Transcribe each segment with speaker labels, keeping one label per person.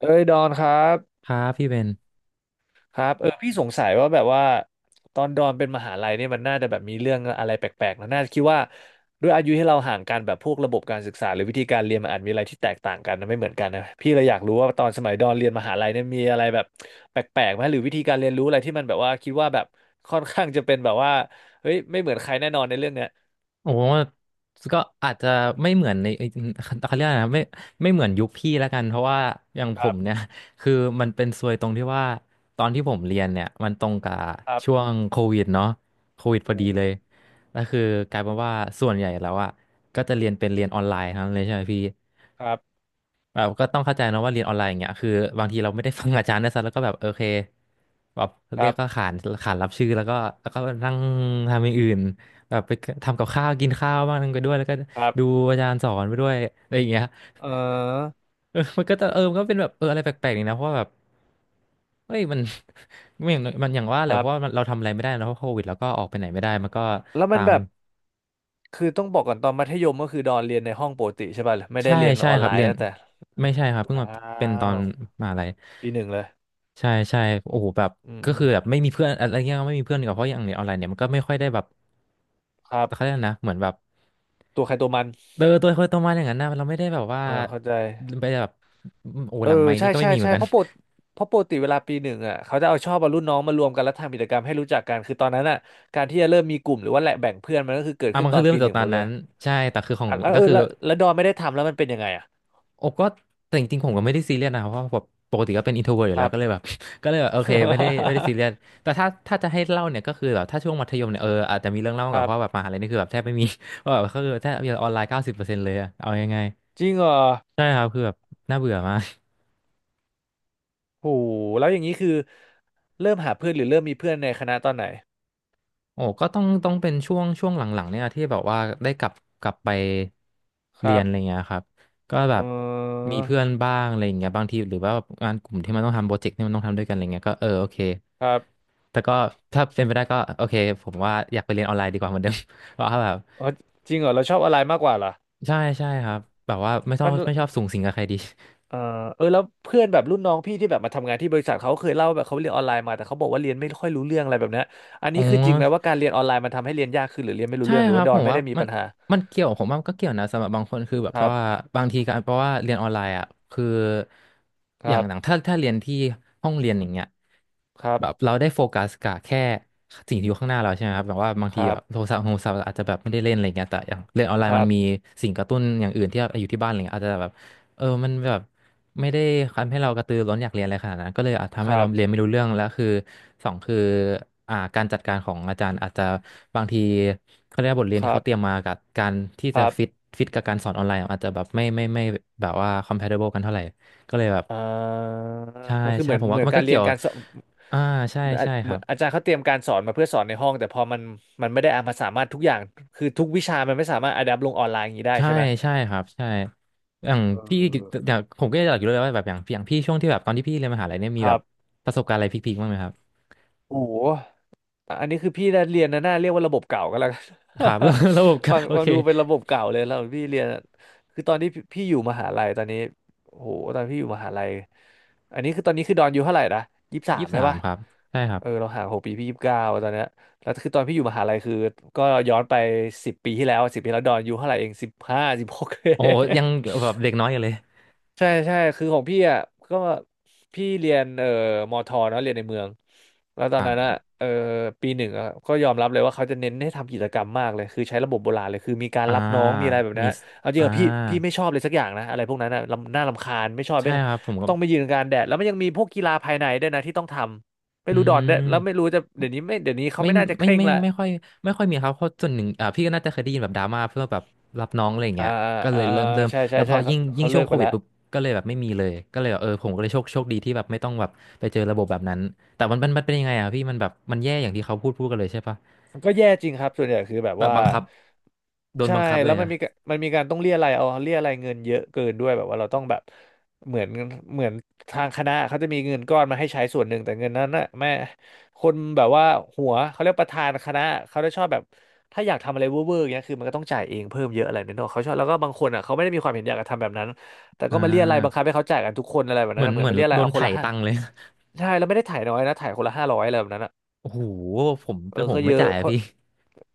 Speaker 1: เอ้ยดอนครับ
Speaker 2: ครับพี่เบน
Speaker 1: ครับเออพี่สงสัยว่าแบบว่าตอนดอนเป็นมหาลัยเนี่ยมันน่าจะแบบมีเรื่องอะไรแปลกๆนะน่าจะคิดว่าด้วยอายุที่เราห่างกันแบบพวกระบบการศึกษาหรือวิธีการเรียนมันอาจมีอะไรที่แตกต่างกันนะไม่เหมือนกันนะพี่เลยอยากรู้ว่าตอนสมัยดอนเรียนมหาลัยเนี่ยมีอะไรแบบแปลกๆไหมหรือวิธีการเรียนรู้อะไรที่มันแบบว่าคิดว่าแบบค่อนข้างจะเป็นแบบว่าเฮ้ยไม่เหมือนใครแน่นอนในเรื่องเนี้ย
Speaker 2: โอ้ก็อาจจะไม่เหมือนในเอ้ ยเขาเรียกอะไรนะไม่เหมือนยุคพี่แล้วกันเพราะว่าอย่างผ
Speaker 1: ครั
Speaker 2: มเนี่
Speaker 1: บ
Speaker 2: ย คือมันเป็นซวยตรงที่ว่าตอนที่ผมเรียนเนี่ยมันตรงกับ
Speaker 1: ครับ
Speaker 2: ช่วงโควิดเนาะโควิดพ
Speaker 1: โอ้
Speaker 2: อดีเลยก็คือกลายเป็นว่าส่วนใหญ่แล้วอ่ะก็จะเรียนเป็นเรียนออนไลน์ทั้งนั้นเลยใช่ไหมพี่
Speaker 1: ครับ
Speaker 2: แบบก็ต้องเข้าใจนะว่าเรียนออนไลน์อย่างเงี้ยคือบางทีเราไม่ได้ฟังอาจารย์นะซะแล้วก็แบบโอเคแบบ
Speaker 1: ค
Speaker 2: เรี
Speaker 1: รั
Speaker 2: ยก
Speaker 1: บ
Speaker 2: ก็ขานขานรับชื่อแล้วก็นั่งทำอย่างอื่นแบบไปทำกับข้าวกินข้าวบ้างไปด้วยแล้วก็
Speaker 1: ครั
Speaker 2: ดู
Speaker 1: บ
Speaker 2: อาจารย์สอนไปด้วยอะไรอย่างเงี้ย
Speaker 1: เออ
Speaker 2: มันก็เป็นแบบอะไรแปลกๆนี่นะเพราะว่าแบบเฮ้ยมัน ไม่อย่างมันอย่างว่าแห
Speaker 1: ค
Speaker 2: ละ
Speaker 1: รั
Speaker 2: เพราะว่ามัน
Speaker 1: บ
Speaker 2: เราทำอะไรไม่ได้นะเพราะโควิดแล้วก็ออกไปไหนไม่ได้มันก็
Speaker 1: แล้วมั
Speaker 2: ตา
Speaker 1: น
Speaker 2: ม
Speaker 1: แบบ คือต้องบอกก่อนตอนมัธยมก็คือดอนเรียนในห้องปกติใช่ป่ะไม่ได้
Speaker 2: ใช่
Speaker 1: เรียน
Speaker 2: ใช่
Speaker 1: ออน
Speaker 2: ค
Speaker 1: ไล
Speaker 2: รับเรี
Speaker 1: น์
Speaker 2: ยน
Speaker 1: ตั้งแต่
Speaker 2: ไม่ใช่ครับเพิ่ง
Speaker 1: ว้า
Speaker 2: มาเป็นตอน
Speaker 1: ว
Speaker 2: มหาลัย
Speaker 1: ปีหนึ่งเลย
Speaker 2: ใช่ใช่โอ้โหแบบ
Speaker 1: อืม
Speaker 2: ก็
Speaker 1: อื
Speaker 2: คื
Speaker 1: ม
Speaker 2: อแบบไม่มีเพื่อนอะไรเงี้ยไม่มีเพื่อนดีกว่าเพราะอย่างเรียนออนไลน์เนี่ยมันก็ไม่ค่อยได้แบบ
Speaker 1: ครั
Speaker 2: เขาเรีย
Speaker 1: บ
Speaker 2: กนะเหมือนแบบ
Speaker 1: ตัวใครตัวมัน
Speaker 2: เออตัวคนตัวมาอย่างนั้นนะเราไม่ได้แบบว่า
Speaker 1: เออเข้าใจ
Speaker 2: ไปแบบโอ้
Speaker 1: เอ
Speaker 2: ห
Speaker 1: อ
Speaker 2: ลังไม้
Speaker 1: ใช่
Speaker 2: นี่ก็ไม่
Speaker 1: ใช่
Speaker 2: มีเหมือ
Speaker 1: ใช่
Speaker 2: นกัน
Speaker 1: เพราะปกติเวลาปีหนึ่งอ่ะเขาจะเอาชอบเอารุ่นน้องมารวมกันแล้วทำกิจกรรมให้รู้จักกันคือตอนนั้นอ่ะการที่จะเริ่มมีกลุ่มหรือว่าแหละแบ่งเพื่อนมันก็คือเกิ ด
Speaker 2: อ่ะ
Speaker 1: ขึ้
Speaker 2: มั
Speaker 1: น
Speaker 2: น
Speaker 1: ตอ
Speaker 2: คือ
Speaker 1: น
Speaker 2: เรื่อ
Speaker 1: ปี
Speaker 2: ง
Speaker 1: ห
Speaker 2: จาก
Speaker 1: นึ่ง
Speaker 2: ต
Speaker 1: ห
Speaker 2: อ
Speaker 1: ม
Speaker 2: น
Speaker 1: ดเล
Speaker 2: นั้
Speaker 1: ย
Speaker 2: นใช่แต่คือของ
Speaker 1: อ่ะแล้ว
Speaker 2: ก็
Speaker 1: เออ
Speaker 2: คือ
Speaker 1: แล้วดอนไม่ได้ทำแล้วมันเป็นยังไงอ่ะ
Speaker 2: โอ้ก็แต่จริงๆผมก็ไม่ได้ซีเรียสนะครับเพราะแบบปกติก็เป็น introvert อ
Speaker 1: ค
Speaker 2: ยู่แล้
Speaker 1: รั
Speaker 2: ว
Speaker 1: บ
Speaker 2: ก็เลยแบบ ก็เลยแบบโอเคไม่ได้ซีเรียสแต่ถ้าจะให้เล่าเนี่ยก็คือแบบถ้าช่วงมัธยมเนี่ยเอออาจจะมีเรื่องเล่า
Speaker 1: ค
Speaker 2: กับ
Speaker 1: รั
Speaker 2: เพราะแบบ
Speaker 1: บ
Speaker 2: มหาลัยนี่คือแบบแทบไม่มี ว่าแบบก็คือแทบจะออนไลน์90%เลยอะเอายังไง
Speaker 1: จริงเหรอ
Speaker 2: ใช่ครับคือแบบน่าเบื่อมาก
Speaker 1: โหแล้วอย่างนี้คือเริ่มหาเพื่อนหรือเริ่มมีเพื่อนในคณะตอนไหน
Speaker 2: โอ้ก็ต้องเป็นช่วงหลังๆเนี่ยที่แบบว่าได้กลับไป
Speaker 1: ค
Speaker 2: เรี
Speaker 1: รั
Speaker 2: ยน
Speaker 1: บ
Speaker 2: อะไรเงี้ยครับก็แบ
Speaker 1: เอ
Speaker 2: บ
Speaker 1: อ
Speaker 2: มีเพื่อนบ้างอะไรเงี้ยบางทีหรือว่างานกลุ่มที่มันต้องทำโปรเจกต์ที่มันต้องทำด้วยกันอะไรเงี้ยก็เออโอเค
Speaker 1: ครับ
Speaker 2: แต่ก็ถ้าเป็นไปได้ก็โอเคผมว่าอยากไปเรียนออนไลน์ดีกว่าเหมือนเดิม เพราะว่าแบบ
Speaker 1: เออจริงเหรอเราชอบอะไรมากกว่าเหรอ
Speaker 2: ใช่ใช่ครับแบบว่าไม่ชอ
Speaker 1: มั
Speaker 2: บ
Speaker 1: น
Speaker 2: ไม่ช
Speaker 1: เ
Speaker 2: อบสุงสิงกับใครดี
Speaker 1: ออเออแล้วเพื่อนแบบรุ่นน้องพี่ที่แบบมาทำงานที่บริษัทเขาเคยเล่าแบบเขาเรียนออนไลน์มาแต่เขาบอกว่าเรียนไม่ค่อยรู้เรื่องอะไรแบบเนี้ยอัน
Speaker 2: อ๋อ
Speaker 1: นี้คือจริงไหมว่าการเรียนออนไลน์มันทำให้เรียนยากขึ้นหรือเรียนไม่รู้
Speaker 2: ใช่
Speaker 1: เรื่องหรื
Speaker 2: ค
Speaker 1: อ
Speaker 2: รั
Speaker 1: ว่า
Speaker 2: บ
Speaker 1: ดอ
Speaker 2: ผ
Speaker 1: น
Speaker 2: ม
Speaker 1: ไม่
Speaker 2: ว่า
Speaker 1: ได้มี
Speaker 2: มั
Speaker 1: ปั
Speaker 2: น
Speaker 1: ญหา
Speaker 2: มันเกี่ยวผมว่ามันก็เกี่ยวนะสำหรับบางคนคือแบบ
Speaker 1: ค
Speaker 2: เพ
Speaker 1: รั
Speaker 2: ราะว่า
Speaker 1: บ
Speaker 2: บางทีการเพราะว่าเรียนออนไลน์อ่ะคือ
Speaker 1: ค
Speaker 2: อย่า
Speaker 1: รั
Speaker 2: งหลัง
Speaker 1: บ
Speaker 2: ถ้าเรียนที่ห้องเรียนอย่างเงี้ย
Speaker 1: ครับ
Speaker 2: แบบเราได้โฟกัสกับแค่สิ่งที่อยู่ข้างหน้าเราใช่ไหมครับแบบว่าบาง
Speaker 1: ค
Speaker 2: ที
Speaker 1: รั
Speaker 2: แบ
Speaker 1: บ
Speaker 2: บโทรศัพท์อาจจะแบบไม่ได้เล่นอะไรเงี้ยแต่อย่างเรียนออนไล
Speaker 1: ค
Speaker 2: น์มั
Speaker 1: รั
Speaker 2: น
Speaker 1: บ
Speaker 2: มีสิ่งกระตุ้นอย่างอื่นที่อยู่ที่บ้านอะไรเงี้ยอาจจะแบบ เออมันแบบไม่ได้ทำให้เรากระตือร้นอยากเรียนอะไรขนาดนั้นก็เลยอาจทำ
Speaker 1: ค
Speaker 2: ให้
Speaker 1: รั
Speaker 2: เรา
Speaker 1: บ
Speaker 2: เรียนไม่รู้เรื่องแล้วคือสองคือการจัดการของอาจารย์อาจจะบางทีเขาเรียกว่าบทเรียน
Speaker 1: ค
Speaker 2: ที่
Speaker 1: รั
Speaker 2: เขา
Speaker 1: บ
Speaker 2: เตรียมมากับการที่
Speaker 1: ค
Speaker 2: จะ
Speaker 1: รั
Speaker 2: ฟิต
Speaker 1: บ
Speaker 2: ฟิตกับการสอนออนไลน์อาจจะแบบไม่แบบว่า compatible กันเท่าไหร่ก็เลยแบบ
Speaker 1: อ่า
Speaker 2: ใช่
Speaker 1: ก็คือ
Speaker 2: ใช่
Speaker 1: เหมือ
Speaker 2: ผ
Speaker 1: น
Speaker 2: ม
Speaker 1: เห
Speaker 2: ว่า
Speaker 1: มือน
Speaker 2: มัน
Speaker 1: กา
Speaker 2: ก็
Speaker 1: รเรี
Speaker 2: เกี่
Speaker 1: ย
Speaker 2: ย
Speaker 1: น
Speaker 2: ว
Speaker 1: การสอน
Speaker 2: อ่าใช่
Speaker 1: เหมือนอา
Speaker 2: ใช่ค
Speaker 1: เหมื
Speaker 2: รั
Speaker 1: อ
Speaker 2: บ
Speaker 1: นอาจารย์เขาเตรียมการสอนมาเพื่อสอนในห้องแต่พอมันมันไม่ได้เอามาสามารถทุกอย่างคือทุกวิชามันไม่สามารถอะแดปลงออนไลน์อย่างนี้ได้
Speaker 2: ใช่
Speaker 1: ใช่ไหม
Speaker 2: ใช่ครับใช่อย่าง
Speaker 1: เอ
Speaker 2: พี่อ
Speaker 1: อ
Speaker 2: ย่างผมก็อยากรู้เลยว่าแบบอย่างพี่ช่วงที่แบบตอนที่พี่เรียนมหาลัยเนี่ยมี
Speaker 1: ค
Speaker 2: แบ
Speaker 1: รั
Speaker 2: บ
Speaker 1: บ
Speaker 2: ประสบการณ์อะไรพีคๆบ้างไหมครับ
Speaker 1: โอ้โห อ่ะอันนี้คือพี่เรียนนะน่าเรียกว่าระบบเก่าก็แล้วกัน
Speaker 2: ครับ ระบบ กา
Speaker 1: ฟั
Speaker 2: ร
Speaker 1: ง
Speaker 2: โอ
Speaker 1: ฟัง
Speaker 2: เค
Speaker 1: ดูเป็นระบบเก่าเลยแล้วพี่เรียนอะคือตอนที่พี่อยู่มหาลัยตอนนี้โอ้โหตอนพี่อยู่มหาลัยอันนี้คือตอนนี้คือดอนอายู่เท่าไหร่นะ23
Speaker 2: ยี่สิบ
Speaker 1: ใช่
Speaker 2: สาม
Speaker 1: ปะ
Speaker 2: ครับใช่ครั
Speaker 1: เออ
Speaker 2: บ
Speaker 1: เราห่าง6 ปีพี่29ตอนเนี้ยแล้วคือตอนพี่อยู่มหาลัยคือก็ย้อนไปสิบปีที่แล้วสิบปีแล้วดอนอายู่เท่าไหร่เอง1516
Speaker 2: โอ้โหยัง แบบเด็กน้อยอยู่เลย
Speaker 1: ใช่ใช่คือของพี่อ่ะก็พี่เรียนมอทอเนาะเรียนในเมืองแล้วตอนนั้นอ่ะเอ่อปีหนึ่งอะก็ยอมรับเลยว่าเขาจะเน้นให้ทำกิจกรรมมากเลยคือใช้ระบบโบราณเลยคือมีการ
Speaker 2: อ่า
Speaker 1: รับน้องมีอะไรแบบ
Speaker 2: มี
Speaker 1: นั้น
Speaker 2: ส
Speaker 1: เอาจริ
Speaker 2: อ่า
Speaker 1: งอะพี่ไม่ชอบเลยสักอย่างนะอะไรพวกนั้นอ่ะรำน่ารำคาญไม่ชอบ
Speaker 2: ใช่
Speaker 1: ไม่
Speaker 2: ครับผมก็
Speaker 1: ต้องไปยืนกลางแดดแล้วมันยังมีพวกกีฬาภายในด้วยนะที่ต้องทำไม่
Speaker 2: อื
Speaker 1: รู้ดอนด้วยแล้วไม่
Speaker 2: ม
Speaker 1: รู้จะเดี๋ยวนี้ไม่เดี๋ยวนี้เขา
Speaker 2: ไม่
Speaker 1: ไม่น่าจะเค
Speaker 2: ไม่
Speaker 1: ร่ง
Speaker 2: ไม่
Speaker 1: ละ
Speaker 2: ไม่ไม่ค่อยมีครับเพราะส่วนหนึ่งอ่าพี่ก็น่าจะเคยได้ยินแบบดราม่าเพื่อแบบรับน้องอะไรอย่าง
Speaker 1: อ่า
Speaker 2: เงี้ยก็เล
Speaker 1: อ่า
Speaker 2: ย
Speaker 1: อ่าอ่า
Speaker 2: เริ่ม
Speaker 1: ใช่ใช่
Speaker 2: แล้วพ
Speaker 1: ใช่
Speaker 2: อ
Speaker 1: เขา
Speaker 2: ยิ่งยิ่
Speaker 1: เขา
Speaker 2: งช่
Speaker 1: เลิ
Speaker 2: วง
Speaker 1: ก
Speaker 2: โค
Speaker 1: ไป
Speaker 2: วิ
Speaker 1: แล้
Speaker 2: ด
Speaker 1: ว
Speaker 2: ปุ๊บก็เลยแบบไม่มีเลยก็เลยแบบเออผมก็เลยโชคดีที่แบบไม่ต้องแบบไปเจอระบบแบบนั้นแต่มันเป็นยังไงอ่ะพี่มันแบบมันแย่อย่างที่เขาพูดกันเลยใช่ปะ
Speaker 1: ก็แย่จริงครับส่วนใหญ่คือแบบ
Speaker 2: แบบ
Speaker 1: ว่า
Speaker 2: บังคับโดน
Speaker 1: ใช่
Speaker 2: บังคับเล
Speaker 1: แล้ว
Speaker 2: ย
Speaker 1: มัน
Speaker 2: อะ
Speaker 1: มีกะมันมีการต้องเรียอะไรยเอาเรียอะไรยเงินเยอะเกินด้วยแบบว่าเราต้องแบบเหมือนเหมือนทางคณะเขาจะมีเงินก้อนมาให้ใช้ส่วนหนึ่งแต่เงินนั้นน่ะแม่คนแบบว่าหัวเขาเรียกประธานคณะเขาจะชอบแบบถ้าอยากทำอะไรเวอร์เอย่างเงี้ยคือมันก็ต้องจ่ายเองเพิ่มเยอะอะไรเนี่ยเนอะเขาชอบแล้วก็บางคนอ่ะเขาไม่ได้มีความเห็นอยากจะทำแบบนั้นแต่
Speaker 2: อ่
Speaker 1: ก็มาเรียอะไรยบังคับ
Speaker 2: า
Speaker 1: ให้เขาจ่ายกันทุกคนอะไรแบบ
Speaker 2: เห
Speaker 1: นั้
Speaker 2: มื
Speaker 1: น
Speaker 2: อน
Speaker 1: นะเหมื
Speaker 2: เห
Speaker 1: อน
Speaker 2: มือ
Speaker 1: มา
Speaker 2: น
Speaker 1: เรียอะไร
Speaker 2: โด
Speaker 1: ย
Speaker 2: น
Speaker 1: เอาคน
Speaker 2: ไถ่
Speaker 1: ละห้า
Speaker 2: ตังค์เลย
Speaker 1: ใช่แล้วไม่ได้ถ่ายน้อยนะถ่ายคนละ500อะไรแบบนั้นอะ
Speaker 2: โอ้โหผม
Speaker 1: เอ
Speaker 2: เป็
Speaker 1: อ
Speaker 2: นผ
Speaker 1: ก็
Speaker 2: ม
Speaker 1: เย
Speaker 2: ไม่
Speaker 1: อะ
Speaker 2: จ่าย
Speaker 1: เพ
Speaker 2: อะ
Speaker 1: ราะ
Speaker 2: พี่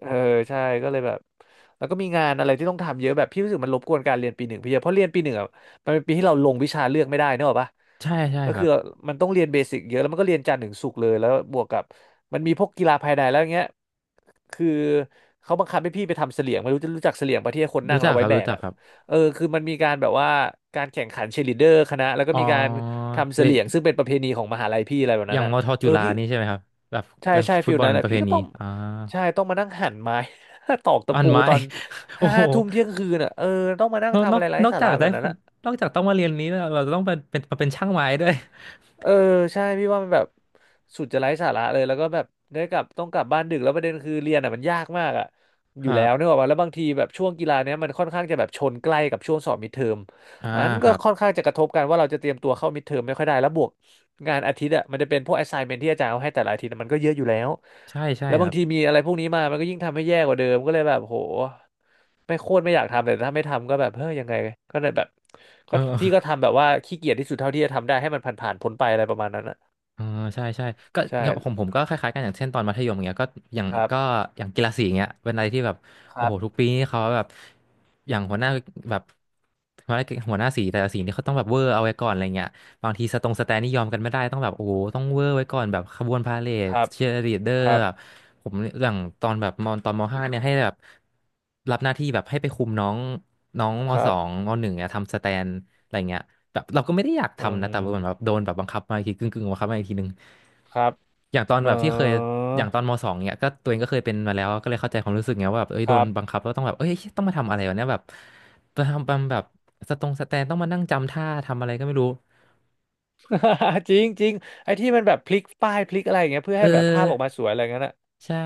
Speaker 1: เออ ใช่ก็เลยแบบ แล้วก็มีงานอะไรที่ต้องทำเยอะแบบ พี่รู้สึกมันรบกวนการเรียนปีหนึ่งพี่เยอะเพราะเรียนปีหนึ่งอ่ะมันเป็นปีที่เราลงวิชาเลือกไม่ได้เนกอะปะ
Speaker 2: ใช่ใช่
Speaker 1: ก็
Speaker 2: ครั
Speaker 1: คือ
Speaker 2: บ
Speaker 1: มันต้องเรียนเบสิกเยอะแล้วมันก็เรียนจันทร์ถึงศุกร์เลยแล้วบวกกับมันมีพวกกีฬาภายในแล้วอย่างเงี้ยคือเขาบังคับให้พี่ไปทำเสลี่ยงไม่รู้จะรู้จักเสลี่ยงปะที่ให้คนนั่
Speaker 2: รู้
Speaker 1: งแล้
Speaker 2: จั
Speaker 1: ว
Speaker 2: ก
Speaker 1: เอา
Speaker 2: ค
Speaker 1: ไว้
Speaker 2: รับ
Speaker 1: แบ
Speaker 2: รู้
Speaker 1: ก
Speaker 2: จัก
Speaker 1: อ่ะ
Speaker 2: ครับ
Speaker 1: เออคือมันมีการแบบว่าการแข่งขันเชียร์ลีดเดอร์คณะแล้วก็
Speaker 2: อ๋อ
Speaker 1: มีการทำ
Speaker 2: เด
Speaker 1: เสลี่ยงซึ่งเป็นประเพณีของมหาลัยพี่อะไรแบบ
Speaker 2: อ
Speaker 1: นั้
Speaker 2: ย่า
Speaker 1: น
Speaker 2: ง
Speaker 1: อ่ะ
Speaker 2: มอทอ
Speaker 1: เอ
Speaker 2: จุ
Speaker 1: อ
Speaker 2: ฬา
Speaker 1: พี่
Speaker 2: นี่ใช่ไหมครับแบบ
Speaker 1: ใช่
Speaker 2: แบบ
Speaker 1: ใช่
Speaker 2: ฟุ
Speaker 1: ฟิ
Speaker 2: ต
Speaker 1: ล
Speaker 2: บอล
Speaker 1: นั้นแหละ
Speaker 2: ประเพ
Speaker 1: พี่ก็
Speaker 2: ณี
Speaker 1: ต้อง
Speaker 2: อ่า
Speaker 1: ใช่ต้องมานั่งหั่นไม้ ตอกตะ
Speaker 2: อัน
Speaker 1: ปู
Speaker 2: ไม้
Speaker 1: ตอน
Speaker 2: โอ้
Speaker 1: ห้า
Speaker 2: โห
Speaker 1: ทุ่มเที่ยงคืนอ่ะเออต้องมานั่
Speaker 2: น
Speaker 1: ง
Speaker 2: อก
Speaker 1: ทำ
Speaker 2: นอ
Speaker 1: อะ
Speaker 2: ก
Speaker 1: ไรไร้
Speaker 2: นอก
Speaker 1: สา
Speaker 2: จา
Speaker 1: ระ
Speaker 2: ก
Speaker 1: แบ
Speaker 2: ได้
Speaker 1: บ
Speaker 2: ค
Speaker 1: นั้น
Speaker 2: น
Speaker 1: อะ
Speaker 2: นอกจากต้องมาเรียนนี้แล้วเราจะต้องเป็นเป็นมาเป็นช่างไม้ด้วย
Speaker 1: เออใช่พี่ว่ามันแบบสุดจะไร้สาระเลยแล้วก็แบบได้กลับต้องกลับบ้านดึกแล้วประเด็นคือเรียนอ่ะมันยากมากอ่ะ
Speaker 2: ค
Speaker 1: อยู่
Speaker 2: รั
Speaker 1: แล้วนึ
Speaker 2: บ
Speaker 1: กออกป่ะแล้วบางทีแบบช่วงกีฬาเนี้ยมันค่อนข้างจะแบบชนใกล้กับช่วงสอบมิดเทอม
Speaker 2: อ่า
Speaker 1: มัน
Speaker 2: ค
Speaker 1: ก็
Speaker 2: รับ
Speaker 1: ค่อนข้างจะกระทบกันว่าเราจะเตรียมตัวเข้ามิดเทอมไม่ค่อยได้แล้วบวกงานอาทิตย์อ่ะมันจะเป็นพวก assignment ที่อาจารย์เอาให้แต่ละอาทิตย์อะมันก็เยอะอยู่แล้ว
Speaker 2: ใช่ใช่
Speaker 1: แล้ว
Speaker 2: ค
Speaker 1: บา
Speaker 2: รั
Speaker 1: ง
Speaker 2: บ
Speaker 1: ทีมีอะไรพวกนี้มามันก็ยิ่งทำให้แย่กว่าเดิมก็เลยแบบโหไม่โคตรไม่อยากทำแต่ถ้าไม่ทำก็แบบเฮ้ยยังไงก็เลยแบบ
Speaker 2: เ
Speaker 1: ก็พี่ก็
Speaker 2: ออ
Speaker 1: ทำแบบว่าขี้เกียจที่สุดเท่าที่จะทำได้ให้มันผ่านๆพ้นไปอะไรประมาณนั้นอ่ะ
Speaker 2: อ่าใช่ใช่ก็
Speaker 1: ใช่
Speaker 2: ของผมก็คล้ายๆกันอย่างเช่นตอนมัธยมเงี้ยก็อย่าง
Speaker 1: ครับ
Speaker 2: ก็อย่างกีฬาสีเงี้ยเป็นอะไรที่แบบ
Speaker 1: ค
Speaker 2: โอ้
Speaker 1: รั
Speaker 2: โหทุก
Speaker 1: บ
Speaker 2: ปีนี่เขาแบบอย่างหัวหน้าแบบหัวหน้าสีแต่ละสีนี่เขาต้องแบบเวอร์เอาไว้ก่อนอะไรเงี้ยบางทีสตรงสแตนนี่ยอมกันไม่ได้ต้องแบบโอ้โหต้องเวอร์ไว้ก่อนแบบขบวนพาเหร
Speaker 1: ค
Speaker 2: ด
Speaker 1: รับ
Speaker 2: เชียร์ลีดเดอ
Speaker 1: ค
Speaker 2: ร์
Speaker 1: รับ
Speaker 2: แบบผมอย่างตอนแบบมอนตอนมห้าเนี่ยให้แบบ รับหน้าที่แบบให้ไปคุมน้องน้องม
Speaker 1: ค
Speaker 2: ส
Speaker 1: รั
Speaker 2: อง
Speaker 1: บ
Speaker 2: มหนึ่งเนี่ยทำสแตนอะไรเงี้ยแบบเราก็ไม่ได้อยาก
Speaker 1: อื
Speaker 2: ทำนะแต่เหมือนแบบ
Speaker 1: ม
Speaker 2: โดนแบบบังคับมาอีกทีกึ่งบังคับมาอีกทีนึง
Speaker 1: ครับ
Speaker 2: อย่างตอน
Speaker 1: เอ
Speaker 2: แบบที่เคย
Speaker 1: อ
Speaker 2: อย่างตอนมสองเนี่ยก็ตัวเองก็เคยเป็นมาแล้วก็เลยเข้าใจความรู้สึกไงว่าแบบเอ้ย
Speaker 1: ค
Speaker 2: โดน
Speaker 1: รับ
Speaker 2: บังคับแล้วต้องแบบเอ้ยต้องมาทำอะไรวะเนี่ยแบบมาทำแบบสตรงสแตนต้องมานั่งจำท่าทำอะไรก็ไม่รู้
Speaker 1: จริงจริงไอ้ที่มันแบบพลิกป้ายพลิกอะไรอย่างเงี้ยเพื่อ
Speaker 2: เออ
Speaker 1: ให้แบบภาพออกมาสวยอะไรเงี้ยน่ะ
Speaker 2: ใช่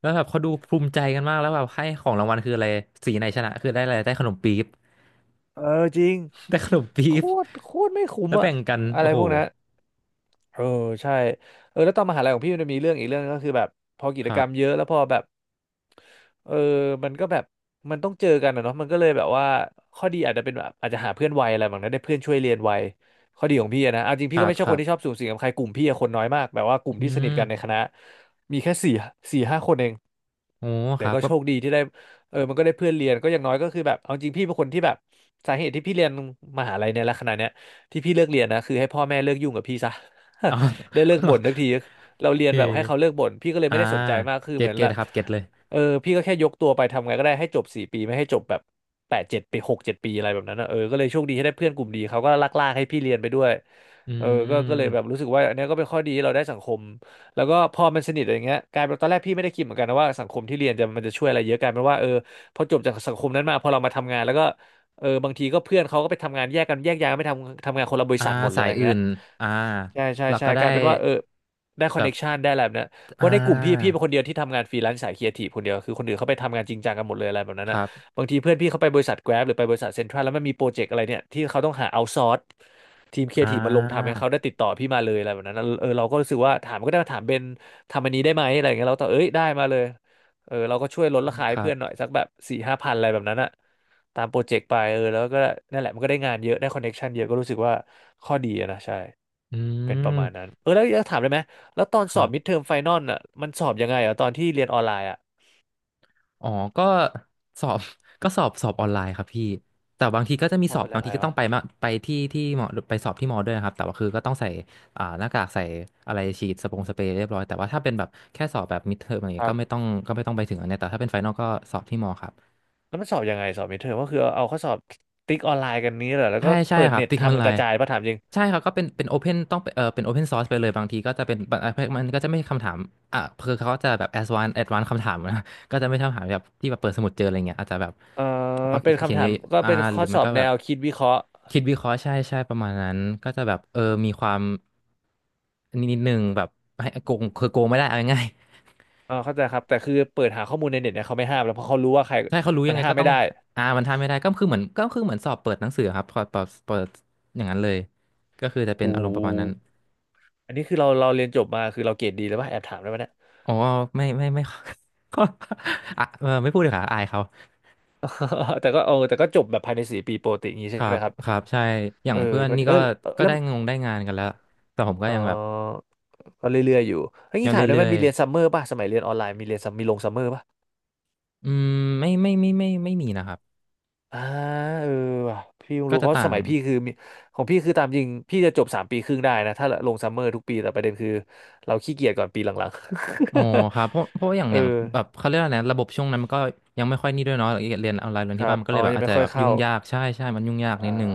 Speaker 2: แล้วแบบเขาดูภูมิใจกันมากแล้วแบบให้ของรางวัลคืออะไรสีไหนชนะคือได้อะไรได้ขนมปี๊บ
Speaker 1: เออจริง
Speaker 2: ได้ขนมปี๊
Speaker 1: โค
Speaker 2: บ
Speaker 1: ตรโคตรไม่คุ้ม
Speaker 2: แล้ว
Speaker 1: อะ
Speaker 2: แบ่งกัน
Speaker 1: อะไร
Speaker 2: โอ้โห
Speaker 1: พวกนั้น เออใช่เออแล้วตอนมหาลัยของพี่มันจะมีเรื่องอีกเรื่องนึงก็คือแบบพอกิ
Speaker 2: ค
Speaker 1: จ
Speaker 2: รั
Speaker 1: กรรมเย
Speaker 2: บ
Speaker 1: อะแล้วพอแบบเออมันก็แบบมันต้องเจอกันนะเนาะมันก็เลยแบบว่าข้อดีอาจจะเป็นแบบอาจจะหาเพื่อนไวอะไรแบบนั้นได้เพื่อนช่วยเรียนไวข้อดีของพี่อะนะเอาจริง
Speaker 2: ค
Speaker 1: พี่
Speaker 2: รั
Speaker 1: ก็
Speaker 2: บ
Speaker 1: ไม่ใช่
Speaker 2: ค
Speaker 1: ค
Speaker 2: รั
Speaker 1: นที่ชอบ
Speaker 2: บ
Speaker 1: สุงสิงกับใครกลุ่มพี่อะคนน้อยมากแบบว่ากลุ่ม
Speaker 2: อื
Speaker 1: ที่สนิท
Speaker 2: ม
Speaker 1: กันในคณะมีแค่สี่สี่ห้าคนเอง
Speaker 2: โอ้
Speaker 1: แต่
Speaker 2: ครับ
Speaker 1: ก็
Speaker 2: ก็
Speaker 1: โชคดีที่ได้เออมันก็ได้เพื่อนเรียนก็อย่างน้อยก็คือแบบเอาจริงพี่เป็นคนที่แบบสาเหตุที่พี่เรียนมหาลัยเนี่ยและขนาดเนี้ยที่พี่เลิกเรียนนะคือให้พ่อแม่เลิกยุ่งกับพี่ซะ
Speaker 2: อ๋อ
Speaker 1: ได้เลิก
Speaker 2: โ
Speaker 1: บ่นทักทีเราเรี
Speaker 2: อ
Speaker 1: ย
Speaker 2: เค
Speaker 1: นแบบให้เขาเลิกบ่นพี่ก็เลย
Speaker 2: อ่า
Speaker 1: ไม่ได้สนใจมากคือ
Speaker 2: เก็
Speaker 1: เห
Speaker 2: ต
Speaker 1: มือน
Speaker 2: เก็
Speaker 1: แบ
Speaker 2: ต
Speaker 1: บ
Speaker 2: ครับเก็ตเลย
Speaker 1: เออพี่ก็แค่ยกตัวไปทำไงก็ได้ให้จบสี่ปีไม่ให้จบแบบแปดเจ็ดปีหกเจ็ดปีอะไรแบบนั้นนะเออก็เลยโชคดีที่ได้เพื่อนกลุ่มดีเขาก็ลากให้พี่เรียนไปด้วย
Speaker 2: อื
Speaker 1: เออก็เลยแบบ
Speaker 2: ม
Speaker 1: รู้สึกว่าอันเนี้ยก็เป็นข้อดีที่เราได้สังคม แล้วก็พอมันสนิทอะไรเงี้ยกลายเป็นตอนแรกพี่ไม่ได้คิดเหมือนกันนะว่าสังคมที่เรียนจะมันจะช่วยอะไรเยอะกลายเป็นว่าเออพอจบจากสังคมนั้นมาพอเรามาทำงานแล้วก็เออบางทีก็เพื่อนเขาก็ไปทำงานแยกกันแยกย้ายกันไปทำงานคนละบริ
Speaker 2: อ่า
Speaker 1: ษัทหมดเลย
Speaker 2: สาย
Speaker 1: อย่าง
Speaker 2: อื่
Speaker 1: เงี้ย
Speaker 2: น อ่า
Speaker 1: ใช่ใช่
Speaker 2: เรา
Speaker 1: ใช่
Speaker 2: ก็ได้
Speaker 1: กลายเป็นว่าเออได้คอน
Speaker 2: แบ
Speaker 1: เน็
Speaker 2: บ
Speaker 1: กชันได้อะไรแบบเนี้ยเพ
Speaker 2: อ่
Speaker 1: ราะในกลุ่มพี่
Speaker 2: า
Speaker 1: เป็นคนเดียวที่ทำงานฟรีแลนซ์สายครีเอทีฟคนเดียวคือคนอื่นเขาไปทำงานจริงจังกันหมดเลยอะไรแบบนั้น
Speaker 2: ค
Speaker 1: อ่ะ
Speaker 2: รับ
Speaker 1: บางทีเพื่อนพี่เขาไปบริษัท Grab หรือไปบริษัทเซ็นทรัลแล้วมันมีโปรเจกต์อะไรเนี่ยที่เขาต้องหาเอาซอร์สทีมครี
Speaker 2: อ่
Speaker 1: เอทีฟมาลงทำเนี่
Speaker 2: า
Speaker 1: ยเขาได้ติดต่อพี่มาเลยอะไรแบบนั้นอะเออเราก็รู้สึกว่าถามก็ได้มาถามเบนทำอันนี้ได้ไหมอะไรอย่างเงี้ยเราก็ตอบเอ้ยได้มาเลยเออเราก็ช่วยลดราคา
Speaker 2: ค
Speaker 1: ให้
Speaker 2: รั
Speaker 1: เพื่อนหน่อย
Speaker 2: บ
Speaker 1: สักแบบสี่ห้าพันอะไรแบบนั้นอ่ะตามโปรเจกต์ไปเออแล้วก็นั่นแหละมันก็ได้งานเยอะได้คอนเน็กชันเยอะก็รู้สึกว่าข้อดีอะนะใช่
Speaker 2: อื
Speaker 1: เป็นประมาณนั้
Speaker 2: ม
Speaker 1: นเออแล้วจะถามได้ไหมแล้วตอน
Speaker 2: ค
Speaker 1: สอ
Speaker 2: รั
Speaker 1: บมิด
Speaker 2: บ
Speaker 1: เทอมไฟนอลอ่ะมันสอบยังไงอ่ะตอนที่เรียนออนไลน์อ่ะ
Speaker 2: อ๋อก็สอบ ก็สอบออนไลน์ครับพี่แต่บางทีก็จะมี
Speaker 1: สอ
Speaker 2: ส
Speaker 1: บ
Speaker 2: อบ
Speaker 1: เป็น
Speaker 2: บา
Speaker 1: ยั
Speaker 2: ง
Speaker 1: งไง
Speaker 2: ทีก็ต้อ
Speaker 1: วะ
Speaker 2: งไปมาไปที่ที่หมอไปสอบที่หมอด้วยนะครับแต่ว่าคือก็ต้องใส่หน้ากากใส่อะไรฉีดสปงสเปรย์เรียบร้อยแต่ว่าถ้าเป็นแบบแค่สอบแบบมิดเทอมอะไร
Speaker 1: ค
Speaker 2: เงี้ย
Speaker 1: รั
Speaker 2: ก็ไม่
Speaker 1: บ
Speaker 2: ต้องก็ไม่ต้องไปถึงอันเนี้ยแต่ถ้าเป็นไฟนอลก็สอบที่หมอครับ
Speaker 1: แล้วมันสอบยังไงสอบมิดเทอมก็คือเอาข้อสอบติ๊กออนไลน์กันนี้เหรอแล้ว
Speaker 2: ใช่
Speaker 1: ก็
Speaker 2: ใช่
Speaker 1: เปิด
Speaker 2: ครับ
Speaker 1: เน็ต
Speaker 2: ติ๊กมั
Speaker 1: ทำ
Speaker 2: น
Speaker 1: กัน
Speaker 2: ไล
Speaker 1: กระ
Speaker 2: น์
Speaker 1: จายป่ะถามจริง
Speaker 2: ใช่ครับก็เป็นเป็นโอเพนต้องเออเป็นโอเพนซอร์สไปเลยบางทีก็จะเป็นบางมันก็จะไม่คำถามอ่ะคือเขาก็จะแบบแอดวานคำถามนะ ก็จะไม่คำถามแบบที่แบบเปิดสมุดเจออะไรเงี้ยอาจจะแบบ
Speaker 1: เออ
Speaker 2: เขา
Speaker 1: เป็น
Speaker 2: เขีย
Speaker 1: คำ
Speaker 2: น
Speaker 1: ถา
Speaker 2: เย
Speaker 1: ม
Speaker 2: อะ
Speaker 1: ก็
Speaker 2: อ่า
Speaker 1: เป็น
Speaker 2: ห
Speaker 1: ข้
Speaker 2: รื
Speaker 1: อ
Speaker 2: อ
Speaker 1: ส
Speaker 2: ไม่
Speaker 1: อบ
Speaker 2: ก็
Speaker 1: แน
Speaker 2: แบบ
Speaker 1: วคิดวิเคราะห์
Speaker 2: คิดวิเคราะห์ใช่ใช่ประมาณนั้นก็จะแบบเออมีความนิดนึงแบบให้โกงคือโกงไม่ได้เอาง่าย
Speaker 1: เออเข้าใจครับแต่คือเปิดหาข้อมูลในเน็ตเนี่ยเขาไม่ห้ามแล้วเพราะเขารู้ว่าใคร
Speaker 2: ๆ ใช่เขารู้
Speaker 1: มั
Speaker 2: ยัง
Speaker 1: น
Speaker 2: ไง
Speaker 1: ห้าม
Speaker 2: ก็
Speaker 1: ไม่
Speaker 2: ต้อง
Speaker 1: ได้
Speaker 2: อ่ามันทำไม่ได้ก็คือเหมือนก็คือเหมือนสอบเปิดหนังสือครับพอเปิดอย่างนั้นเลยก็คือจะเป็น
Speaker 1: หู
Speaker 2: อารมณ์ประมาณนั้น
Speaker 1: อันนี้คือเราเรียนจบมาคือเราเกรดดีแล้วป่ะแอบถามได้ไหมเนี่ย
Speaker 2: อ๋อไม่ ก็อ่ะเออไม่พูดเลยค่ะอายเขา
Speaker 1: แต่ก็เออแต่ก็จบแบบภายในสี่ปีโปรติอย่างงี้
Speaker 2: ค
Speaker 1: ใช่
Speaker 2: รั
Speaker 1: ไหม
Speaker 2: บ
Speaker 1: ครับ
Speaker 2: ครับใช่อย่า
Speaker 1: เอ
Speaker 2: ง
Speaker 1: อ
Speaker 2: เพื่อน
Speaker 1: ก็
Speaker 2: นี่
Speaker 1: ดีเอ
Speaker 2: ก็
Speaker 1: อ
Speaker 2: ก็
Speaker 1: แล้ว
Speaker 2: ได้งานกันแล้วแต่ผมก็
Speaker 1: เอ
Speaker 2: ยังแบบ
Speaker 1: อก็เรื่อยๆอยู่เฮ้ย
Speaker 2: ยั
Speaker 1: นี่
Speaker 2: ง
Speaker 1: ถามได้
Speaker 2: เรื่อ
Speaker 1: มัน
Speaker 2: ย
Speaker 1: มีเรียนซัมเมอร์ป่ะสมัยเรียนออนไลน์มีเรียนมมีลงซัมเมอร์ป่ะ
Speaker 2: ๆอืมไม่มีนะครับ
Speaker 1: อ่าเออว่ะพี่เพิ่ง
Speaker 2: ก็
Speaker 1: รู้
Speaker 2: จะ
Speaker 1: เขาะ
Speaker 2: ต่า
Speaker 1: ส
Speaker 2: ง
Speaker 1: มัยพี่คือมีของพี่คือตามจริงพี่จะจบสามปีครึ่งได้นะถ้าลงซัมเมอร์ทุกปีแต่ประเด็นคือเราขี้เกียจก่อนปีหลัง
Speaker 2: อ๋
Speaker 1: ๆ
Speaker 2: อครับเพราะเพราะอย่าง
Speaker 1: เออ
Speaker 2: อย่างแบบเขาเรียกอะไรนะระบบช่วงนั้นมันก็ยังไม่ค่อยนี่ด้วยเนาะเรียนออนไลน์เรียน
Speaker 1: ค
Speaker 2: ที่
Speaker 1: รั
Speaker 2: บ้าน
Speaker 1: บ
Speaker 2: มันก็
Speaker 1: อ๋
Speaker 2: เล
Speaker 1: อ
Speaker 2: ยแบบ
Speaker 1: ยัง
Speaker 2: อาจ
Speaker 1: ไม่
Speaker 2: จะ
Speaker 1: ค่อ
Speaker 2: แบ
Speaker 1: ย
Speaker 2: บ
Speaker 1: เข้า
Speaker 2: ยุ่งยากใช่ใช่มันยุ่งยาก
Speaker 1: อ่า
Speaker 2: นิดนึง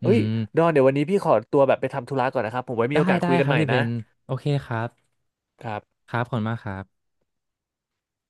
Speaker 2: อื
Speaker 1: เอ้ย
Speaker 2: ม
Speaker 1: ดอนเดี๋ยววันนี้พี่ขอตัวแบบไปทำธุระก่อนนะครับผมไว้มี
Speaker 2: ได้
Speaker 1: โอกาส
Speaker 2: ได้
Speaker 1: คุยกั
Speaker 2: ค
Speaker 1: น
Speaker 2: รับ
Speaker 1: ใหม่
Speaker 2: พี่เบ
Speaker 1: นะ
Speaker 2: นโอเคครับ
Speaker 1: ครับ
Speaker 2: ครับขอบคุณมากครับ